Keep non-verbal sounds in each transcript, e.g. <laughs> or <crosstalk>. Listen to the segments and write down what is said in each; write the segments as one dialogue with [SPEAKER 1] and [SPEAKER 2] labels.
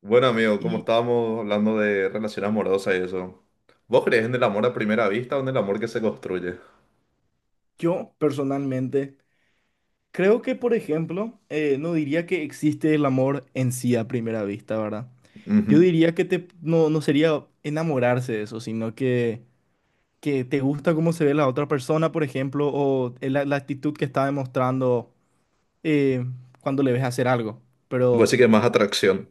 [SPEAKER 1] Bueno, amigo, como
[SPEAKER 2] Y
[SPEAKER 1] estábamos hablando de relación amorosa y eso, ¿vos crees en el amor a primera vista o en el amor que se construye?
[SPEAKER 2] yo personalmente creo que, por ejemplo, no diría que existe el amor en sí a primera vista, ¿verdad? Yo
[SPEAKER 1] Ujú.
[SPEAKER 2] diría que te, no, no sería enamorarse de eso, sino que te gusta cómo se ve la otra persona, por ejemplo, o la actitud que está demostrando eh, cuando le ves hacer algo.
[SPEAKER 1] Vos
[SPEAKER 2] Pero
[SPEAKER 1] sí que más atracción.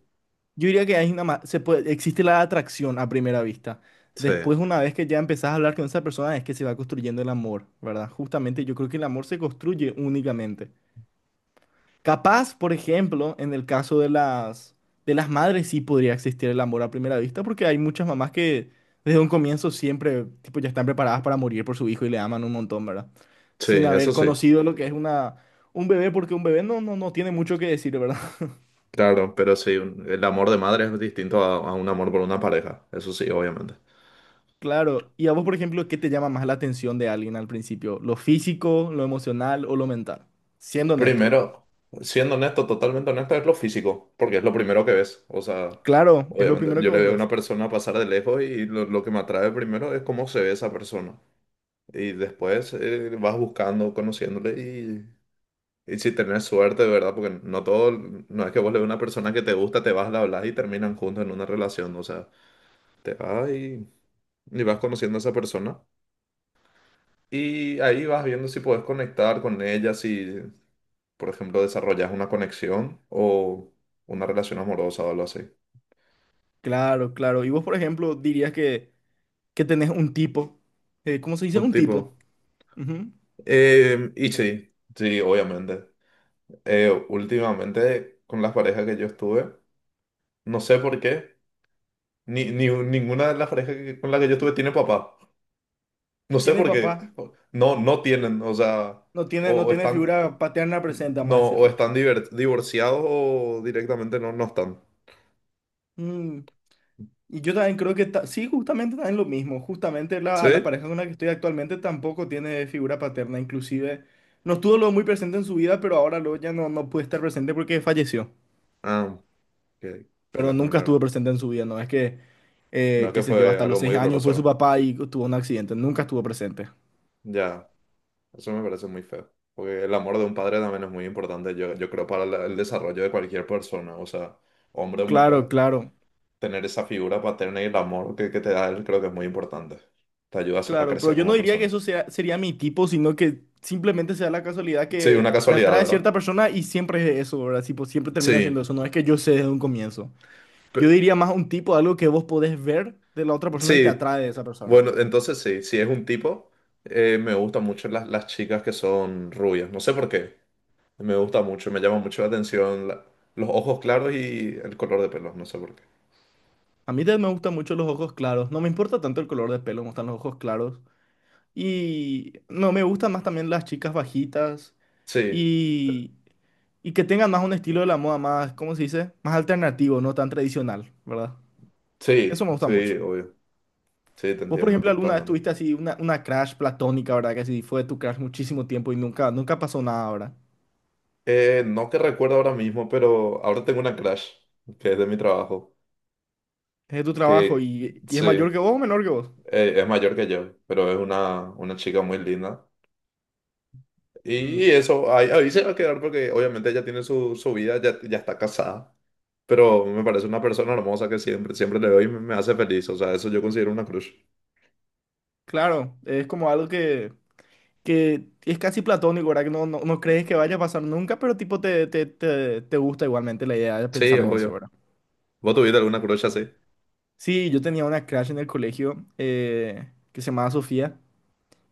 [SPEAKER 2] yo diría que hay se puede, existe la atracción a primera vista.
[SPEAKER 1] Sí,
[SPEAKER 2] Después, una vez que ya empezás a hablar con esa persona, es que se va construyendo el amor, ¿verdad? Justamente yo creo que el amor se construye únicamente. Capaz, por ejemplo, en el caso de las madres sí podría existir el amor a primera vista, porque hay muchas mamás que desde un comienzo siempre tipo, ya están preparadas para morir por su hijo y le aman un montón, ¿verdad?
[SPEAKER 1] sí,
[SPEAKER 2] Sin
[SPEAKER 1] eso
[SPEAKER 2] haber
[SPEAKER 1] sí,
[SPEAKER 2] conocido lo que es una, un bebé, porque un bebé no tiene mucho que decir, ¿verdad? <laughs>
[SPEAKER 1] claro, pero sí, el amor de madre es distinto a un amor por una pareja, eso sí, obviamente.
[SPEAKER 2] Claro. ¿Y a vos, por ejemplo, qué te llama más la atención de alguien al principio? ¿Lo físico, lo emocional o lo mental? Siendo honesto.
[SPEAKER 1] Primero, siendo honesto, totalmente honesto, es lo físico, porque es lo primero que ves. O sea,
[SPEAKER 2] Claro, es lo
[SPEAKER 1] obviamente,
[SPEAKER 2] primero que
[SPEAKER 1] yo le
[SPEAKER 2] vos
[SPEAKER 1] veo a una
[SPEAKER 2] ves.
[SPEAKER 1] persona pasar de lejos y lo que me atrae primero es cómo se ve esa persona. Y después vas buscando, conociéndole. Y si tenés suerte, de verdad, porque no todo, no es que vos le veas a una persona que te gusta, te vas, la hablas y terminan juntos en una relación. O sea, te vas y vas conociendo a esa persona. Y ahí vas viendo si puedes conectar con ella, si, por ejemplo, desarrollas una conexión o una relación amorosa o algo así.
[SPEAKER 2] Claro, claro. ¿Y vos, por ejemplo, dirías que tenés un tipo, ¿cómo se dice?
[SPEAKER 1] Un
[SPEAKER 2] Un
[SPEAKER 1] tipo.
[SPEAKER 2] tipo. Ujú.
[SPEAKER 1] Y sí, sí, obviamente. Últimamente, con las parejas que yo estuve, no sé por qué, ni ninguna de las parejas con las que yo estuve tiene papá. No sé
[SPEAKER 2] Tiene
[SPEAKER 1] por qué.
[SPEAKER 2] papá,
[SPEAKER 1] No, no tienen, o sea,
[SPEAKER 2] no tiene,
[SPEAKER 1] o,
[SPEAKER 2] no
[SPEAKER 1] o
[SPEAKER 2] tiene
[SPEAKER 1] están, o-
[SPEAKER 2] figura paterna presente,
[SPEAKER 1] no,
[SPEAKER 2] vamos a
[SPEAKER 1] o
[SPEAKER 2] decirle.
[SPEAKER 1] están divorciados o directamente no, no están.
[SPEAKER 2] Mm. Y yo también creo que sí, justamente también lo mismo. Justamente
[SPEAKER 1] ¿Sí?
[SPEAKER 2] la pareja con la que estoy actualmente tampoco tiene figura paterna. Inclusive no estuvo luego muy presente en su vida, pero ahora luego ya no puede estar presente porque falleció.
[SPEAKER 1] Ah, qué, qué
[SPEAKER 2] Pero
[SPEAKER 1] lástima,
[SPEAKER 2] nunca
[SPEAKER 1] la
[SPEAKER 2] estuvo
[SPEAKER 1] verdad.
[SPEAKER 2] presente en su vida, no es que,
[SPEAKER 1] No,
[SPEAKER 2] qué
[SPEAKER 1] que
[SPEAKER 2] sé yo,
[SPEAKER 1] fue
[SPEAKER 2] hasta
[SPEAKER 1] algo
[SPEAKER 2] los
[SPEAKER 1] muy
[SPEAKER 2] 6 años
[SPEAKER 1] doloroso.
[SPEAKER 2] fue su
[SPEAKER 1] Ahora.
[SPEAKER 2] papá y tuvo un accidente. Nunca estuvo presente.
[SPEAKER 1] Ya, eso me parece muy feo. Porque el amor de un padre también es muy importante, yo creo, para el desarrollo de cualquier persona, o sea, hombre o
[SPEAKER 2] Claro,
[SPEAKER 1] mujer.
[SPEAKER 2] claro.
[SPEAKER 1] Tener esa figura paterna y el amor que te da él creo que es muy importante. Te ayuda a, a
[SPEAKER 2] Claro, pero
[SPEAKER 1] crecer
[SPEAKER 2] yo no
[SPEAKER 1] como
[SPEAKER 2] diría que
[SPEAKER 1] persona.
[SPEAKER 2] eso sea, sería mi tipo, sino que simplemente sea la casualidad
[SPEAKER 1] Sí, una
[SPEAKER 2] que me
[SPEAKER 1] casualidad,
[SPEAKER 2] atrae
[SPEAKER 1] ¿verdad?
[SPEAKER 2] cierta persona y siempre es eso, ¿verdad? Tipo, siempre termina siendo
[SPEAKER 1] Sí.
[SPEAKER 2] eso, no es que yo sé desde un comienzo. Yo diría más un tipo, algo que vos podés ver de la otra persona y te
[SPEAKER 1] Sí,
[SPEAKER 2] atrae de esa persona.
[SPEAKER 1] bueno, entonces sí, si es un tipo, me gustan mucho las chicas que son rubias, no sé por qué, me gusta mucho, me llama mucho la atención los ojos claros y el color de pelo, no sé por qué.
[SPEAKER 2] A mí también me gustan mucho los ojos claros, no me importa tanto el color de pelo, me gustan los ojos claros. Y no, me gustan más también las chicas bajitas
[SPEAKER 1] Sí,
[SPEAKER 2] y, y que tengan más un estilo de la moda más, ¿cómo se dice? Más alternativo, no tan tradicional, ¿verdad? Eso
[SPEAKER 1] sí,
[SPEAKER 2] me gusta
[SPEAKER 1] sí,
[SPEAKER 2] mucho.
[SPEAKER 1] obvio, sí, te
[SPEAKER 2] Vos, por
[SPEAKER 1] entiendo
[SPEAKER 2] ejemplo, alguna vez
[SPEAKER 1] totalmente.
[SPEAKER 2] tuviste así una crush platónica, ¿verdad? Que así fue tu crush muchísimo tiempo y nunca, nunca pasó nada, ¿verdad?
[SPEAKER 1] No te recuerdo ahora mismo, pero ahora tengo una crush, que es de mi trabajo,
[SPEAKER 2] Es de tu trabajo
[SPEAKER 1] que
[SPEAKER 2] y es
[SPEAKER 1] sí,
[SPEAKER 2] mayor que vos o menor que vos.
[SPEAKER 1] es mayor que yo, pero es una chica muy linda.
[SPEAKER 2] Mm,
[SPEAKER 1] Y eso, ahí se va a quedar porque obviamente ella tiene su vida, ya está casada, pero me parece una persona hermosa que siempre, siempre le veo y me hace feliz, o sea, eso yo considero una crush.
[SPEAKER 2] claro, es como algo que es casi platónico, ¿verdad? Que no, no, no crees que vaya a pasar nunca, pero tipo te gusta igualmente la idea de
[SPEAKER 1] Sí,
[SPEAKER 2] pensar en eso,
[SPEAKER 1] obvio.
[SPEAKER 2] ¿verdad?
[SPEAKER 1] ¿Vos tuviste alguna crush así?
[SPEAKER 2] Sí, yo tenía una crush en el colegio que se llamaba Sofía.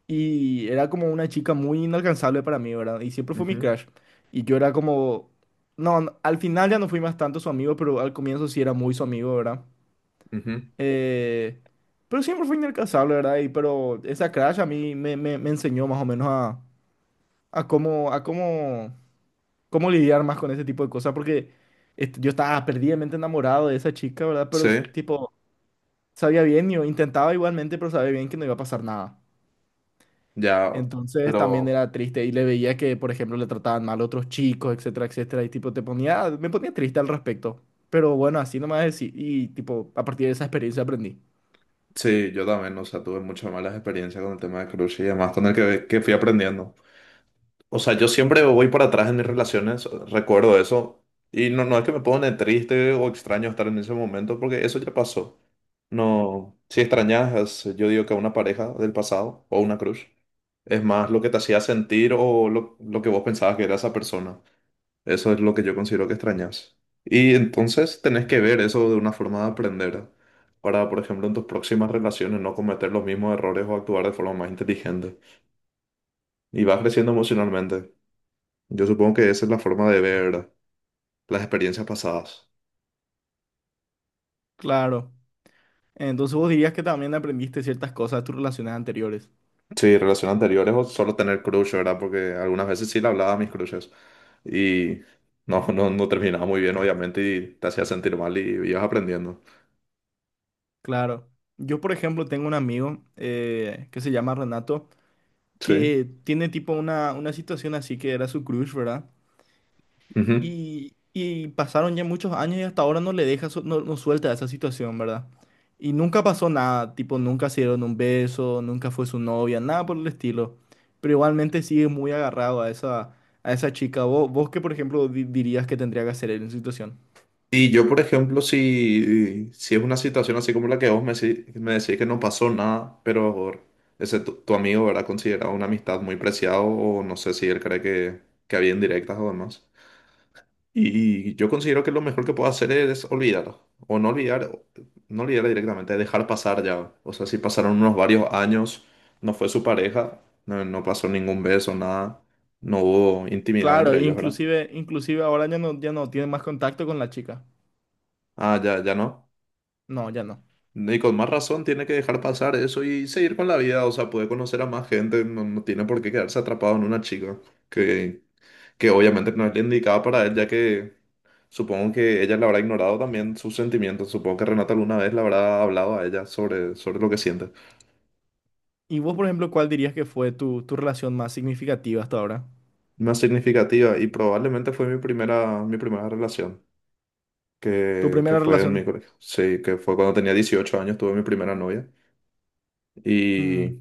[SPEAKER 2] Y era como una chica muy inalcanzable para mí, ¿verdad? Y siempre fue mi
[SPEAKER 1] Ujú,
[SPEAKER 2] crush. Y yo era como... No, no, al final ya no fui más tanto su amigo, pero al comienzo sí era muy su amigo, ¿verdad?
[SPEAKER 1] ujú.
[SPEAKER 2] Eh, pero siempre fue inalcanzable, ¿verdad? Y pero esa crush a mí me enseñó más o menos a cómo, a cómo, cómo lidiar más con ese tipo de cosas, porque yo estaba perdidamente enamorado de esa chica, ¿verdad? Pero
[SPEAKER 1] Sí,
[SPEAKER 2] tipo, sabía bien, yo intentaba igualmente, pero sabía bien que no iba a pasar nada.
[SPEAKER 1] ya,
[SPEAKER 2] Entonces también
[SPEAKER 1] pero
[SPEAKER 2] era triste y le veía que, por ejemplo, le trataban mal a otros chicos, etcétera, etcétera. Y tipo, te ponía, me ponía triste al respecto. Pero bueno, así nomás decir. Y tipo, a partir de esa experiencia aprendí.
[SPEAKER 1] sí, yo también, o sea, tuve muchas malas experiencias con el tema de crush y demás, con el que fui aprendiendo. O sea, yo siempre voy para atrás en mis relaciones, recuerdo eso, y no, no es que me pone triste o extraño estar en ese momento, porque eso ya pasó. No, si extrañas, yo digo que a una pareja del pasado o una crush, es más lo que te hacía sentir o lo que vos pensabas que era esa persona. Eso es lo que yo considero que extrañas. Y entonces tenés que ver eso de una forma de aprender para, por ejemplo, en tus próximas relaciones no cometer los mismos errores o actuar de forma más inteligente. Y vas creciendo emocionalmente. Yo supongo que esa es la forma de ver las experiencias pasadas.
[SPEAKER 2] Claro. Entonces vos dirías que también aprendiste ciertas cosas de tus relaciones anteriores.
[SPEAKER 1] Sí, relaciones anteriores o solo tener crush, ¿verdad? Porque algunas veces sí le hablaba a mis crushes y no, no, no terminaba muy bien, obviamente, y te hacía sentir mal y ibas aprendiendo.
[SPEAKER 2] Claro. Yo, por ejemplo, tengo un amigo que se llama Renato,
[SPEAKER 1] Sí.
[SPEAKER 2] que tiene tipo una situación así que era su crush, ¿verdad?
[SPEAKER 1] Ujú.
[SPEAKER 2] Y pasaron ya muchos años y hasta ahora no le deja, su- no, no suelta esa situación, ¿verdad? Y nunca pasó nada, tipo, nunca se dieron un beso, nunca fue su novia, nada por el estilo. Pero igualmente sigue muy agarrado a a esa chica. ¿Vos qué, por ejemplo, di- dirías que tendría que hacer él en su situación?
[SPEAKER 1] Y yo, por ejemplo, si es una situación así como la que vos me, me decís que no pasó nada, pero ese tu amigo, ¿verdad? Considerado una amistad muy preciada o no sé si él cree que había indirectas o demás. Y yo considero que lo mejor que puedo hacer es olvidar, o no olvidar, no olvidar directamente, dejar pasar ya. O sea, si pasaron unos varios años, no fue su pareja, no, no pasó ningún beso, nada, no hubo intimidad
[SPEAKER 2] Claro,
[SPEAKER 1] entre ellos, ¿verdad?
[SPEAKER 2] inclusive, inclusive ahora ya no tiene más contacto con la chica.
[SPEAKER 1] Ah, ya, ya no.
[SPEAKER 2] No, ya no.
[SPEAKER 1] Y con más razón tiene que dejar pasar eso y seguir con la vida, o sea, puede conocer a más gente, no, no tiene por qué quedarse atrapado en una chica, que, que obviamente no es la indicada para él, ya que supongo que ella le habrá ignorado también sus sentimientos. Supongo que Renata alguna vez le habrá hablado a ella sobre lo que siente.
[SPEAKER 2] ¿Y vos, por ejemplo, cuál dirías que fue tu relación más significativa hasta ahora?
[SPEAKER 1] Más significativa y probablemente fue mi primera relación,
[SPEAKER 2] ¿Tu
[SPEAKER 1] que
[SPEAKER 2] primera
[SPEAKER 1] fue en mi
[SPEAKER 2] relación?
[SPEAKER 1] colegio. Sí, que fue cuando tenía 18 años, tuve mi primera novia.
[SPEAKER 2] Mm.
[SPEAKER 1] Y,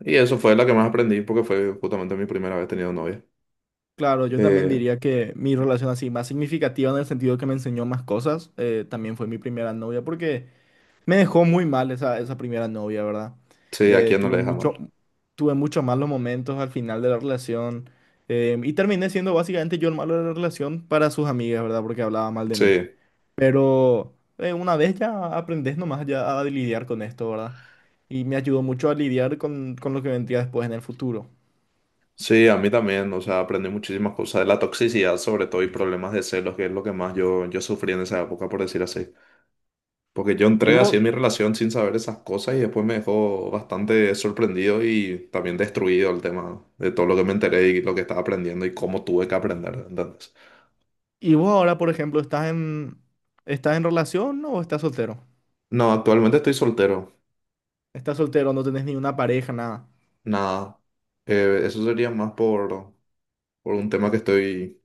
[SPEAKER 1] y eso fue la que más aprendí porque fue justamente mi primera vez teniendo novia.
[SPEAKER 2] Claro, yo también
[SPEAKER 1] Eh,
[SPEAKER 2] diría que mi relación así más significativa en el sentido que me enseñó más cosas, también fue mi primera novia, porque me dejó muy mal esa primera novia, ¿verdad?
[SPEAKER 1] sí, a
[SPEAKER 2] Eh,
[SPEAKER 1] quién no
[SPEAKER 2] tuve
[SPEAKER 1] le deja
[SPEAKER 2] mucho,
[SPEAKER 1] mal.
[SPEAKER 2] tuve muchos malos momentos al final de la relación, y terminé siendo básicamente yo el malo de la relación para sus amigas, ¿verdad? Porque hablaba mal de mí.
[SPEAKER 1] Sí,
[SPEAKER 2] Pero una vez ya aprendes nomás ya a lidiar con esto, ¿verdad? Y me ayudó mucho a lidiar con lo que vendría después en el futuro.
[SPEAKER 1] sí, a mí también. O sea, aprendí muchísimas cosas de la toxicidad, sobre todo, y problemas de celos, que es lo que más yo sufrí en esa época, por decir así. Porque yo
[SPEAKER 2] ¿Y
[SPEAKER 1] entré
[SPEAKER 2] vos?
[SPEAKER 1] así en mi relación sin saber esas cosas y después me dejó bastante sorprendido y también destruido el tema de todo lo que me enteré y lo que estaba aprendiendo y cómo tuve que aprender. Entonces,
[SPEAKER 2] Y vos ahora, por ejemplo, ¿estás en, relación no, o estás soltero?
[SPEAKER 1] no, actualmente estoy soltero.
[SPEAKER 2] Estás soltero, no tenés ni una pareja, nada.
[SPEAKER 1] Nada. Eso sería más por un tema que estoy,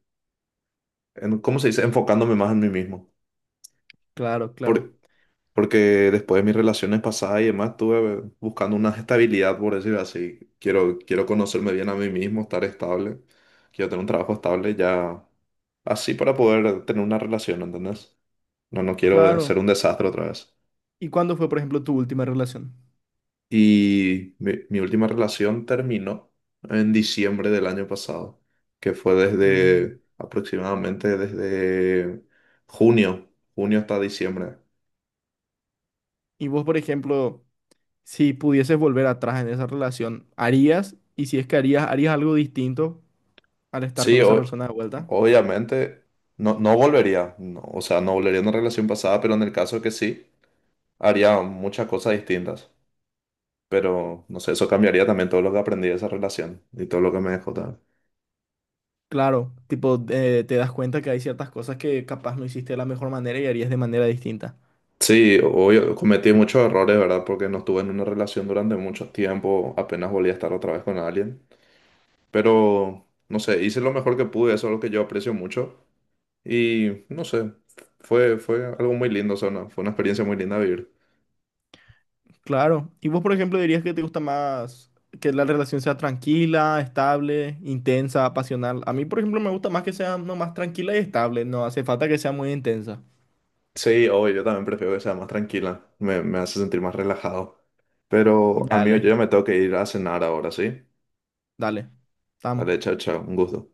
[SPEAKER 1] en, ¿cómo se dice? Enfocándome más en mí mismo.
[SPEAKER 2] Claro, claro,
[SPEAKER 1] Por- Porque después de mis relaciones pasadas y demás, estuve buscando una estabilidad, por decir así. Quiero, quiero conocerme bien a mí mismo, estar estable. Quiero tener un trabajo estable ya así para poder tener una relación, ¿entendés? No, no quiero
[SPEAKER 2] claro.
[SPEAKER 1] ser un desastre otra vez.
[SPEAKER 2] ¿Y cuándo fue, por ejemplo, tu última relación?
[SPEAKER 1] Y mi última relación terminó en diciembre del año pasado, que fue
[SPEAKER 2] Mm.
[SPEAKER 1] desde aproximadamente desde junio, junio hasta diciembre.
[SPEAKER 2] Y vos, por ejemplo, si pudieses volver atrás en esa relación, ¿harías? Y si es que harías, ¿harías algo distinto al estar con
[SPEAKER 1] Sí,
[SPEAKER 2] esa persona de vuelta?
[SPEAKER 1] obviamente no, no volvería, no, o sea, no volvería a una relación pasada, pero en el caso que sí, haría muchas cosas distintas. Pero, no sé, eso cambiaría también todo lo que aprendí de esa relación y todo lo que me dejó también.
[SPEAKER 2] Claro, tipo, te das cuenta que hay ciertas cosas que capaz no hiciste de la mejor manera y harías de manera distinta.
[SPEAKER 1] Sí, obvio, cometí muchos errores, ¿verdad? Porque no estuve en una relación durante mucho tiempo, apenas volví a estar otra vez con alguien. Pero, no sé, hice lo mejor que pude, eso es lo que yo aprecio mucho. Y, no sé, fue algo muy lindo, o sea, fue una experiencia muy linda vivir.
[SPEAKER 2] Claro. ¿Y vos, por ejemplo, dirías que te gusta más que la relación sea tranquila, estable, intensa, pasional? A mí, por ejemplo, me gusta más que sea nomás tranquila y estable. No hace falta que sea muy intensa.
[SPEAKER 1] Sí, obvio, yo también prefiero que sea más tranquila, me hace sentir más relajado. Pero, amigo, yo
[SPEAKER 2] Dale,
[SPEAKER 1] ya me tengo que ir a cenar ahora, ¿sí?
[SPEAKER 2] dale. Estamos.
[SPEAKER 1] Vale, chao, chao, un gusto.